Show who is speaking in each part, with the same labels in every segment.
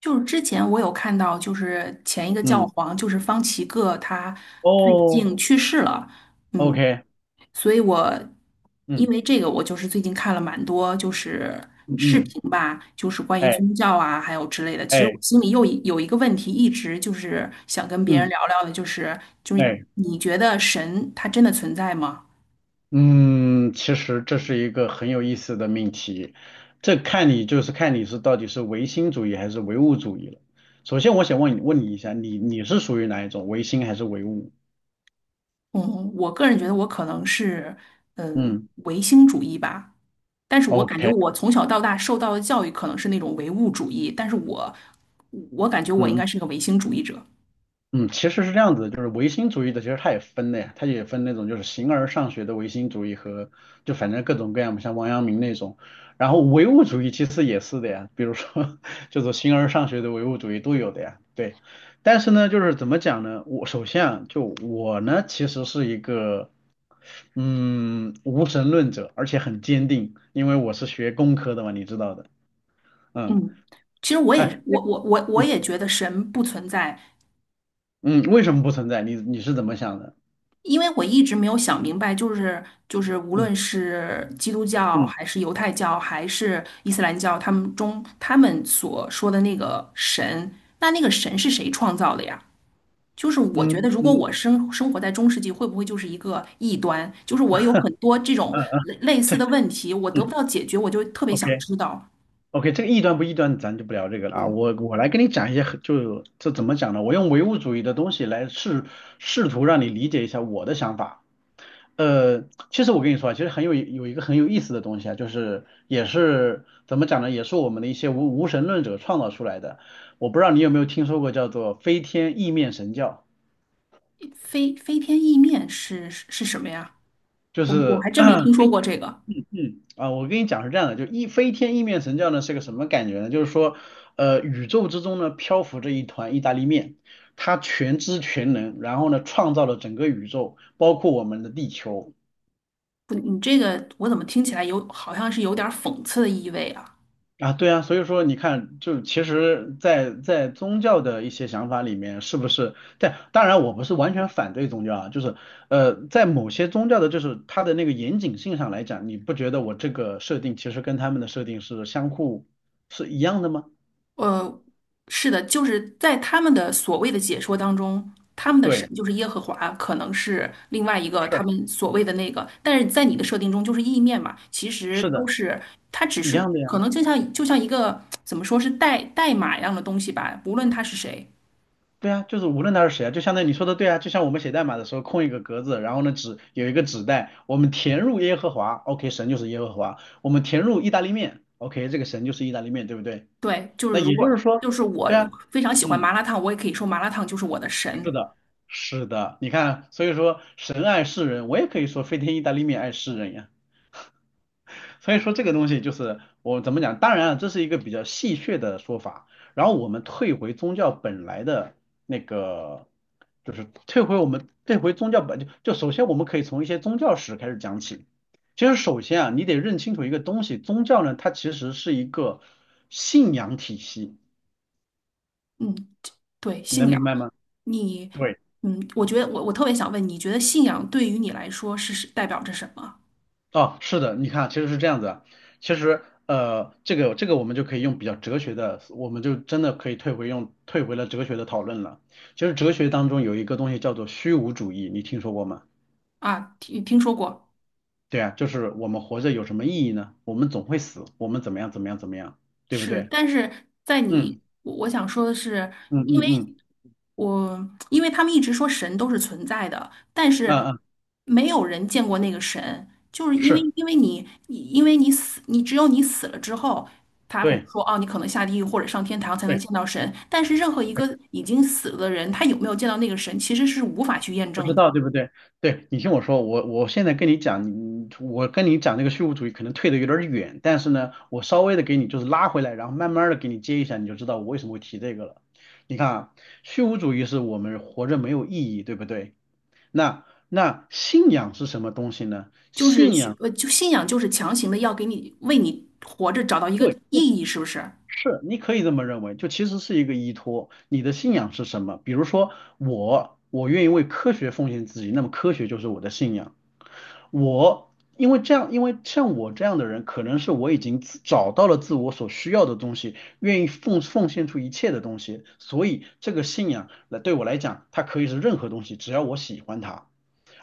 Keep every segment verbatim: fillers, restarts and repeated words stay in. Speaker 1: 就是之前我有看到，就是前一个教
Speaker 2: 嗯，
Speaker 1: 皇，就是方济各，他最
Speaker 2: 哦
Speaker 1: 近去世了。嗯，
Speaker 2: ，OK，
Speaker 1: 所以我因
Speaker 2: 嗯
Speaker 1: 为这个，我就是最近看了蛮多就是
Speaker 2: 嗯
Speaker 1: 视
Speaker 2: 嗯，
Speaker 1: 频吧，就是关于
Speaker 2: 哎
Speaker 1: 宗教啊，还有之类的。其实我
Speaker 2: 哎
Speaker 1: 心里又一有一个问题，一直就是想跟别人
Speaker 2: 嗯
Speaker 1: 聊聊的，就是就是
Speaker 2: 哎
Speaker 1: 你觉得神他真的存在吗？
Speaker 2: 嗯，其实这是一个很有意思的命题。这看你就是看你是到底是唯心主义还是唯物主义了。首先，我想问你问你一下，你你是属于哪一种，唯心还是唯物？
Speaker 1: 嗯，我个人觉得我可能是，嗯、
Speaker 2: 嗯
Speaker 1: 唯心主义吧。但是我感觉
Speaker 2: ，OK，
Speaker 1: 我从小到大受到的教育可能是那种唯物主义，但是我，我感觉我应
Speaker 2: 嗯
Speaker 1: 该是个唯心主义者。
Speaker 2: 嗯，其实是这样子的。就是唯心主义的，其实它也分的呀，它也分那种就是形而上学的唯心主义和就反正各种各样的像王阳明那种。然后唯物主义其实也是的呀，比如说 就是形而上学的唯物主义都有的呀，对。但是呢，就是怎么讲呢？我首先啊，就我呢，其实是一个嗯无神论者，而且很坚定，因为我是学工科的嘛，你知道的。嗯，
Speaker 1: 嗯，其实我
Speaker 2: 哎，
Speaker 1: 也我我我我
Speaker 2: 嗯
Speaker 1: 也觉得神不存在。
Speaker 2: 嗯，为什么不存在？你你是怎么想的？
Speaker 1: 因为我一直没有想明白，就是就是无
Speaker 2: 嗯
Speaker 1: 论是基督教
Speaker 2: 嗯
Speaker 1: 还是犹太教还是伊斯兰教，他们中他们所说的那个神，那那个神是谁创造的呀？就是我觉
Speaker 2: 嗯
Speaker 1: 得，如果
Speaker 2: 嗯。
Speaker 1: 我生生活在中世纪，会不会就是一个异端？就是我有很多这种
Speaker 2: 嗯嗯，嗯
Speaker 1: 类类似
Speaker 2: 对，
Speaker 1: 的问题，我得不
Speaker 2: 嗯
Speaker 1: 到解决，我就特别想
Speaker 2: ，OK，
Speaker 1: 知道。
Speaker 2: OK，这个异端不异端，咱就不聊这个了啊。
Speaker 1: 嗯，
Speaker 2: 我我来跟你讲一些很就这怎么讲呢？我用唯物主义的东西来试试图让你理解一下我的想法。呃，其实我跟你说啊，其实很有有一个很有意思的东西啊，就是也是怎么讲呢？也是我们的一些无无神论者创造出来的。我不知道你有没有听说过叫做飞天意面神教，
Speaker 1: 飞飞天意面是是是什么呀？
Speaker 2: 就
Speaker 1: 我我
Speaker 2: 是。
Speaker 1: 还真没听说过这个。
Speaker 2: 嗯啊，我跟你讲是这样的，就一飞天意面神教呢是个什么感觉呢？就是说，呃，宇宙之中呢漂浮着一团意大利面，它全知全能，然后呢创造了整个宇宙，包括我们的地球
Speaker 1: 不，你这个我怎么听起来有好像是有点儿讽刺的意味啊？
Speaker 2: 啊，对啊，所以说你看，就其实在，在宗教的一些想法里面，是不是？但当然我不是完全反对宗教啊，就是呃，在某些宗教的，就是它的那个严谨性上来讲，你不觉得我这个设定其实跟他们的设定是相互是一样的吗？
Speaker 1: 呃，是的，就是在他们的所谓的解说当中，他们的神
Speaker 2: 对。
Speaker 1: 就是耶和华，可能是另外一个
Speaker 2: 是
Speaker 1: 他们所谓的那个，但是在你的设定中就是意面嘛，其实
Speaker 2: 是
Speaker 1: 都
Speaker 2: 的，
Speaker 1: 是它只
Speaker 2: 一
Speaker 1: 是
Speaker 2: 样的
Speaker 1: 可
Speaker 2: 呀。
Speaker 1: 能就像就像一个怎么说是代代码一样的东西吧，无论他是谁。
Speaker 2: 对呀，就是无论他是谁啊，就相当于你说的对啊，就像我们写代码的时候空一个格子，然后呢纸有一个纸袋，我们填入耶和华，OK，神就是耶和华，我们填入意大利面，OK，这个神就是意大利面，对不对？
Speaker 1: 对，就
Speaker 2: 那
Speaker 1: 是如
Speaker 2: 也就
Speaker 1: 果
Speaker 2: 是说，
Speaker 1: 就是我
Speaker 2: 对啊，
Speaker 1: 非常喜欢麻
Speaker 2: 嗯，
Speaker 1: 辣烫，我也可以说麻辣烫就是我的
Speaker 2: 是
Speaker 1: 神。
Speaker 2: 的，是的，你看，所以说神爱世人，我也可以说飞天意大利面爱世人呀。所以说这个东西就是我怎么讲，当然啊，这是一个比较戏谑的说法。然后我们退回宗教本来的那个，就是退回我们退回宗教本就就首先我们可以从一些宗教史开始讲起。其实首先啊，你得认清楚一个东西，宗教呢它其实是一个信仰体系，
Speaker 1: 嗯，对，
Speaker 2: 你
Speaker 1: 信
Speaker 2: 能
Speaker 1: 仰。
Speaker 2: 明白吗？
Speaker 1: 你，
Speaker 2: 对。
Speaker 1: 嗯，我觉得我我特别想问，你觉得信仰对于你来说是是代表着什么？
Speaker 2: 哦，是的，你看，其实是这样子啊。其实，呃，这个这个我们就可以用比较哲学的，我们就真的可以退回用退回了哲学的讨论了。其实哲学当中有一个东西叫做虚无主义，你听说过吗？
Speaker 1: 啊，听听说过。
Speaker 2: 对啊，就是我们活着有什么意义呢？我们总会死，我们怎么样怎么样怎么样，对不
Speaker 1: 是，
Speaker 2: 对？
Speaker 1: 但是在你，
Speaker 2: 嗯
Speaker 1: 我我想说的是，
Speaker 2: 嗯
Speaker 1: 因为
Speaker 2: 嗯嗯
Speaker 1: 我因为他们一直说神都是存在的，但
Speaker 2: 嗯
Speaker 1: 是
Speaker 2: 嗯，嗯
Speaker 1: 没有人见过那个神，就是因为
Speaker 2: 是，
Speaker 1: 因为你你因为你死，你只有你死了之后，他会
Speaker 2: 对
Speaker 1: 说哦，你可能下地狱或者上天堂才
Speaker 2: 对。
Speaker 1: 能
Speaker 2: 对，
Speaker 1: 见到神，但是任何一个已经死了的人，他有没有见到那个神，其实是无法去验
Speaker 2: 不
Speaker 1: 证
Speaker 2: 知
Speaker 1: 的。
Speaker 2: 道对不对？对，你听我说，我我现在跟你讲，你我跟你讲这个虚无主义可能退得有点儿远，但是呢，我稍微的给你就是拉回来，然后慢慢的给你接一下，你就知道我为什么会提这个了。你看啊，虚无主义是我们活着没有意义，对不对？那那信仰是什么东西呢？
Speaker 1: 就是
Speaker 2: 信
Speaker 1: 需
Speaker 2: 仰。
Speaker 1: 呃，就信仰就是强行的要给你为你活着找到一个
Speaker 2: 对，
Speaker 1: 意义，是不是？
Speaker 2: 是，你可以这么认为，就其实是一个依托。你的信仰是什么？比如说我，我愿意为科学奉献自己，那么科学就是我的信仰。我因为这样，因为像我这样的人，可能是我已经自找到了自我所需要的东西，愿意奉奉献出一切的东西，所以这个信仰来对我来讲，它可以是任何东西，只要我喜欢它。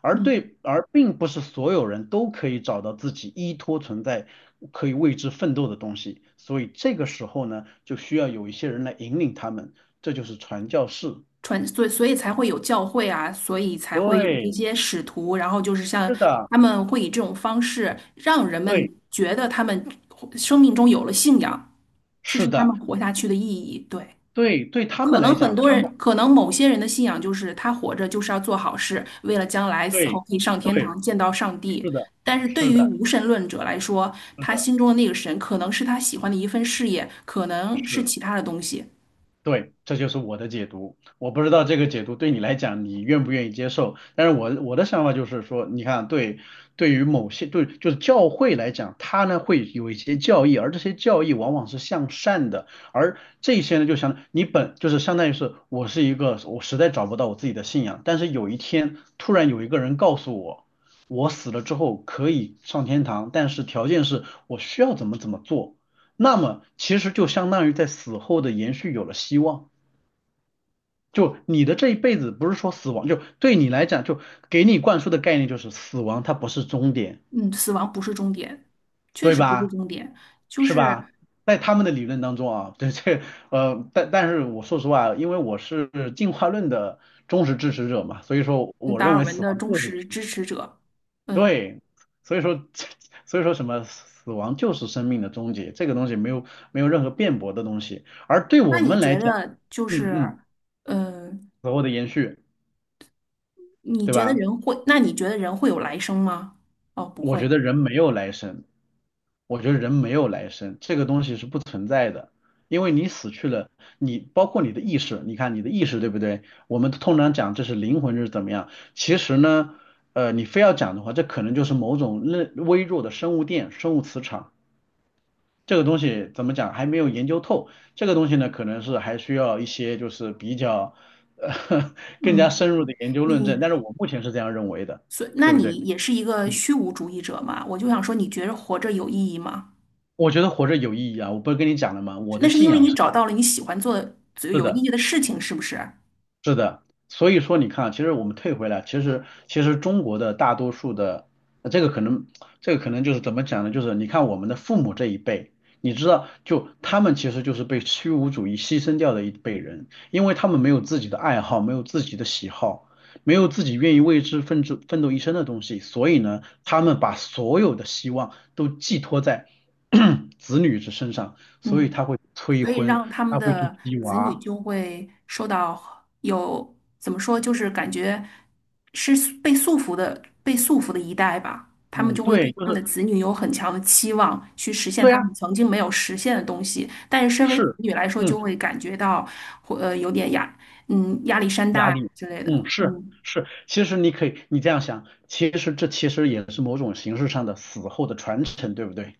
Speaker 2: 而
Speaker 1: 嗯。
Speaker 2: 对，而并不是所有人都可以找到自己依托存在，可以为之奋斗的东西。所以这个时候呢，就需要有一些人来引领他们，这就是传教士。
Speaker 1: 传，所以所以才会有教会啊，所以才会有一
Speaker 2: 对，
Speaker 1: 些使徒，然后就是像
Speaker 2: 是的，
Speaker 1: 他们会以这种方式让人们
Speaker 2: 对，
Speaker 1: 觉得他们生命中有了信仰，这
Speaker 2: 是
Speaker 1: 是他
Speaker 2: 的，
Speaker 1: 们活下去的意义。对，
Speaker 2: 对，对他们
Speaker 1: 可能
Speaker 2: 来
Speaker 1: 很
Speaker 2: 讲，
Speaker 1: 多
Speaker 2: 他们。
Speaker 1: 人，可能某些人的信仰就是他活着就是要做好事，为了将来死后
Speaker 2: 对
Speaker 1: 可以上天
Speaker 2: 对，
Speaker 1: 堂见到上帝。
Speaker 2: 是的，
Speaker 1: 但是对
Speaker 2: 是
Speaker 1: 于
Speaker 2: 的，
Speaker 1: 无神论者来说，
Speaker 2: 是
Speaker 1: 他
Speaker 2: 的，
Speaker 1: 心中的那个神可能是他喜欢的一份事业，可能是
Speaker 2: 是。
Speaker 1: 其他的东西。
Speaker 2: 对，这就是我的解读。我不知道这个解读对你来讲，你愿不愿意接受？但是我我的想法就是说，你看，对，对于某些对就是教会来讲，它呢会有一些教义，而这些教义往往是向善的，而这些呢就相你本就是相当于是我是一个我实在找不到我自己的信仰，但是有一天突然有一个人告诉我，我死了之后可以上天堂，但是条件是我需要怎么怎么做。那么其实就相当于在死后的延续有了希望。就你的这一辈子不是说死亡，就对你来讲，就给你灌输的概念就是死亡它不是终点，
Speaker 1: 嗯，死亡不是终点，确
Speaker 2: 对
Speaker 1: 实不是
Speaker 2: 吧？
Speaker 1: 终点，就
Speaker 2: 是吧？
Speaker 1: 是
Speaker 2: 在他们的理论当中啊，对这呃，但但是我说实话，因为我是进化论的忠实支持者嘛，所以说我
Speaker 1: 达
Speaker 2: 认
Speaker 1: 尔
Speaker 2: 为
Speaker 1: 文
Speaker 2: 死
Speaker 1: 的
Speaker 2: 亡
Speaker 1: 忠
Speaker 2: 就是
Speaker 1: 实支持者。嗯，
Speaker 2: 对，所以说 所以说什么死亡就是生命的终结，这个东西没有没有任何辩驳的东西。而对
Speaker 1: 那
Speaker 2: 我
Speaker 1: 你
Speaker 2: 们来
Speaker 1: 觉
Speaker 2: 讲，
Speaker 1: 得就
Speaker 2: 嗯嗯。
Speaker 1: 是，嗯，
Speaker 2: 死后的延续，
Speaker 1: 你
Speaker 2: 对
Speaker 1: 觉得
Speaker 2: 吧？
Speaker 1: 人会，那你觉得人会有来生吗？哦，不
Speaker 2: 我
Speaker 1: 会。
Speaker 2: 觉得人没有来生，我觉得人没有来生，这个东西是不存在的，因为你死去了，你包括你的意识，你看你的意识对不对？我们通常讲这是灵魂，这是怎么样？其实呢，呃，你非要讲的话，这可能就是某种微微弱的生物电、生物磁场。这个东西怎么讲还没有研究透，这个东西呢，可能是还需要一些就是比较呃 更加
Speaker 1: 嗯，
Speaker 2: 深入的研究论证，
Speaker 1: 你，
Speaker 2: 但是我目前是这样认为的，
Speaker 1: 所，那
Speaker 2: 对不对？
Speaker 1: 你也是一个虚无主义者嘛？我就想说，你觉得活着有意义吗？
Speaker 2: 我觉得活着有意义啊！我不是跟你讲了吗？我
Speaker 1: 那
Speaker 2: 的
Speaker 1: 是
Speaker 2: 信
Speaker 1: 因为
Speaker 2: 仰
Speaker 1: 你
Speaker 2: 是
Speaker 1: 找到了你喜欢做的、
Speaker 2: 是
Speaker 1: 有意
Speaker 2: 的，
Speaker 1: 义的事情，是不是？
Speaker 2: 是的，所以说你看啊其实我们退回来，其实其实中国的大多数的，呃这个可能这个可能就是怎么讲呢？就是你看我们的父母这一辈，你知道，就他们其实就是被虚无主义牺牲掉的一辈人，因为他们没有自己的爱好，没有自己的喜好，没有自己愿意为之奋斗奋斗一生的东西，所以呢，他们把所有的希望都寄托在 子女之身上，所以
Speaker 1: 嗯。
Speaker 2: 他会催
Speaker 1: 所以
Speaker 2: 婚，
Speaker 1: 让他们
Speaker 2: 他会去
Speaker 1: 的
Speaker 2: 鸡
Speaker 1: 子女
Speaker 2: 娃。
Speaker 1: 就会受到有，怎么说，就是感觉是被束缚的，被束缚的一代吧。他们
Speaker 2: 嗯，
Speaker 1: 就会对
Speaker 2: 对，就
Speaker 1: 他们
Speaker 2: 是
Speaker 1: 的子女有很强的期望，去实现
Speaker 2: 对
Speaker 1: 他
Speaker 2: 啊，
Speaker 1: 们曾经没有实现的东西。但是身为子
Speaker 2: 是，
Speaker 1: 女来说，
Speaker 2: 嗯，
Speaker 1: 就会感觉到，或呃，有点压，嗯，压力山大
Speaker 2: 压
Speaker 1: 呀
Speaker 2: 力，
Speaker 1: 之类的。
Speaker 2: 嗯，是
Speaker 1: 嗯
Speaker 2: 是，其实你可以，你这样想，其实这其实也是某种形式上的死后的传承，对不对？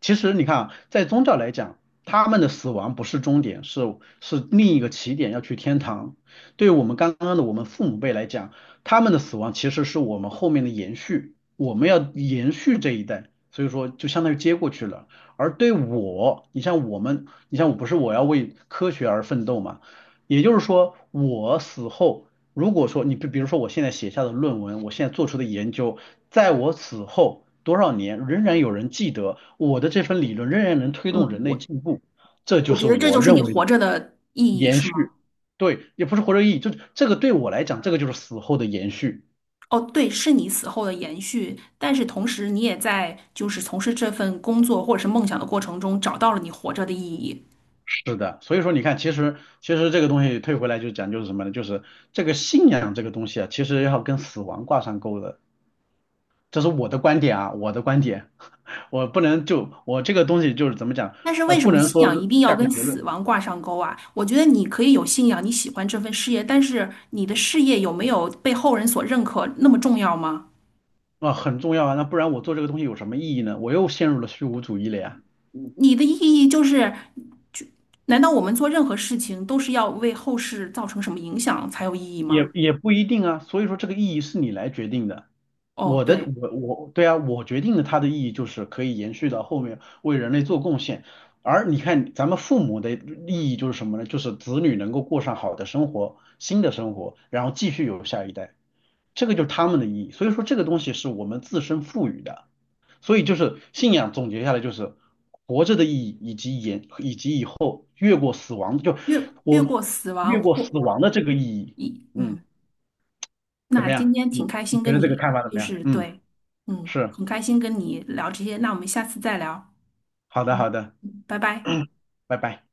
Speaker 2: 其实你看啊，在宗教来讲，他们的死亡不是终点，是是另一个起点，要去天堂。对于我们刚刚的我们父母辈来讲，他们的死亡其实是我们后面的延续，我们要延续这一代，所以说就相当于接过去了。而对我，你像我们，你像我不是我要为科学而奋斗嘛？也就是说，我死后，如果说你比比如说我现在写下的论文，我现在做出的研究，在我死后多少年，仍然有人记得我的这份理论，仍然能推动
Speaker 1: 嗯，
Speaker 2: 人类
Speaker 1: 我
Speaker 2: 进步，这就
Speaker 1: 我觉
Speaker 2: 是
Speaker 1: 得这就
Speaker 2: 我
Speaker 1: 是你
Speaker 2: 认为的
Speaker 1: 活着的意义，
Speaker 2: 延
Speaker 1: 是吗？
Speaker 2: 续。对，也不是活着意义，就这个对我来讲，这个就是死后的延续。
Speaker 1: 哦，对，是你死后的延续，但是同时你也在就是从事这份工作或者是梦想的过程中找到了你活着的意义。
Speaker 2: 是的，所以说你看，其实其实这个东西退回来就讲就是什么呢？就是这个信仰这个东西啊，其实要跟死亡挂上钩的。这是我的观点啊，我的观点，我不能就我这个东西就是怎么讲，
Speaker 1: 但是
Speaker 2: 啊，
Speaker 1: 为什
Speaker 2: 不
Speaker 1: 么
Speaker 2: 能
Speaker 1: 信
Speaker 2: 说
Speaker 1: 仰一定要
Speaker 2: 下个
Speaker 1: 跟
Speaker 2: 结
Speaker 1: 死
Speaker 2: 论
Speaker 1: 亡挂上钩啊？我觉得你可以有信仰，你喜欢这份事业，但是你的事业有没有被后人所认可那么重要吗？
Speaker 2: 啊，很重要啊，那不然我做这个东西有什么意义呢？我又陷入了虚无主义了呀，
Speaker 1: 你的意义就是，就难道我们做任何事情都是要为后世造成什么影响才有意义吗？
Speaker 2: 也也不一定啊，所以说这个意义是你来决定的，
Speaker 1: 哦，
Speaker 2: 我的
Speaker 1: 对，
Speaker 2: 我我对啊，我决定的它的意义就是可以延续到后面为人类做贡献，而你看咱们父母的利益就是什么呢？就是子女能够过上好的生活，新的生活，然后继续有下一代。这个就是他们的意义。所以说这个东西是我们自身赋予的。所以就是信仰总结下来就是活着的意义，以及延以及以后越过死亡，就
Speaker 1: 越越
Speaker 2: 我
Speaker 1: 过死亡
Speaker 2: 越过
Speaker 1: 或
Speaker 2: 死亡的这个意义。
Speaker 1: 一
Speaker 2: 嗯，
Speaker 1: 嗯。
Speaker 2: 怎
Speaker 1: 那
Speaker 2: 么
Speaker 1: 今
Speaker 2: 样？
Speaker 1: 天
Speaker 2: 你
Speaker 1: 挺开
Speaker 2: 你
Speaker 1: 心
Speaker 2: 觉
Speaker 1: 跟
Speaker 2: 得这个
Speaker 1: 你，
Speaker 2: 看法怎
Speaker 1: 就
Speaker 2: 么样？
Speaker 1: 是
Speaker 2: 嗯，
Speaker 1: 对，嗯，
Speaker 2: 是，
Speaker 1: 很开心跟你聊这些，那我们下次再聊，
Speaker 2: 好的好的，
Speaker 1: 嗯拜拜。
Speaker 2: 拜拜。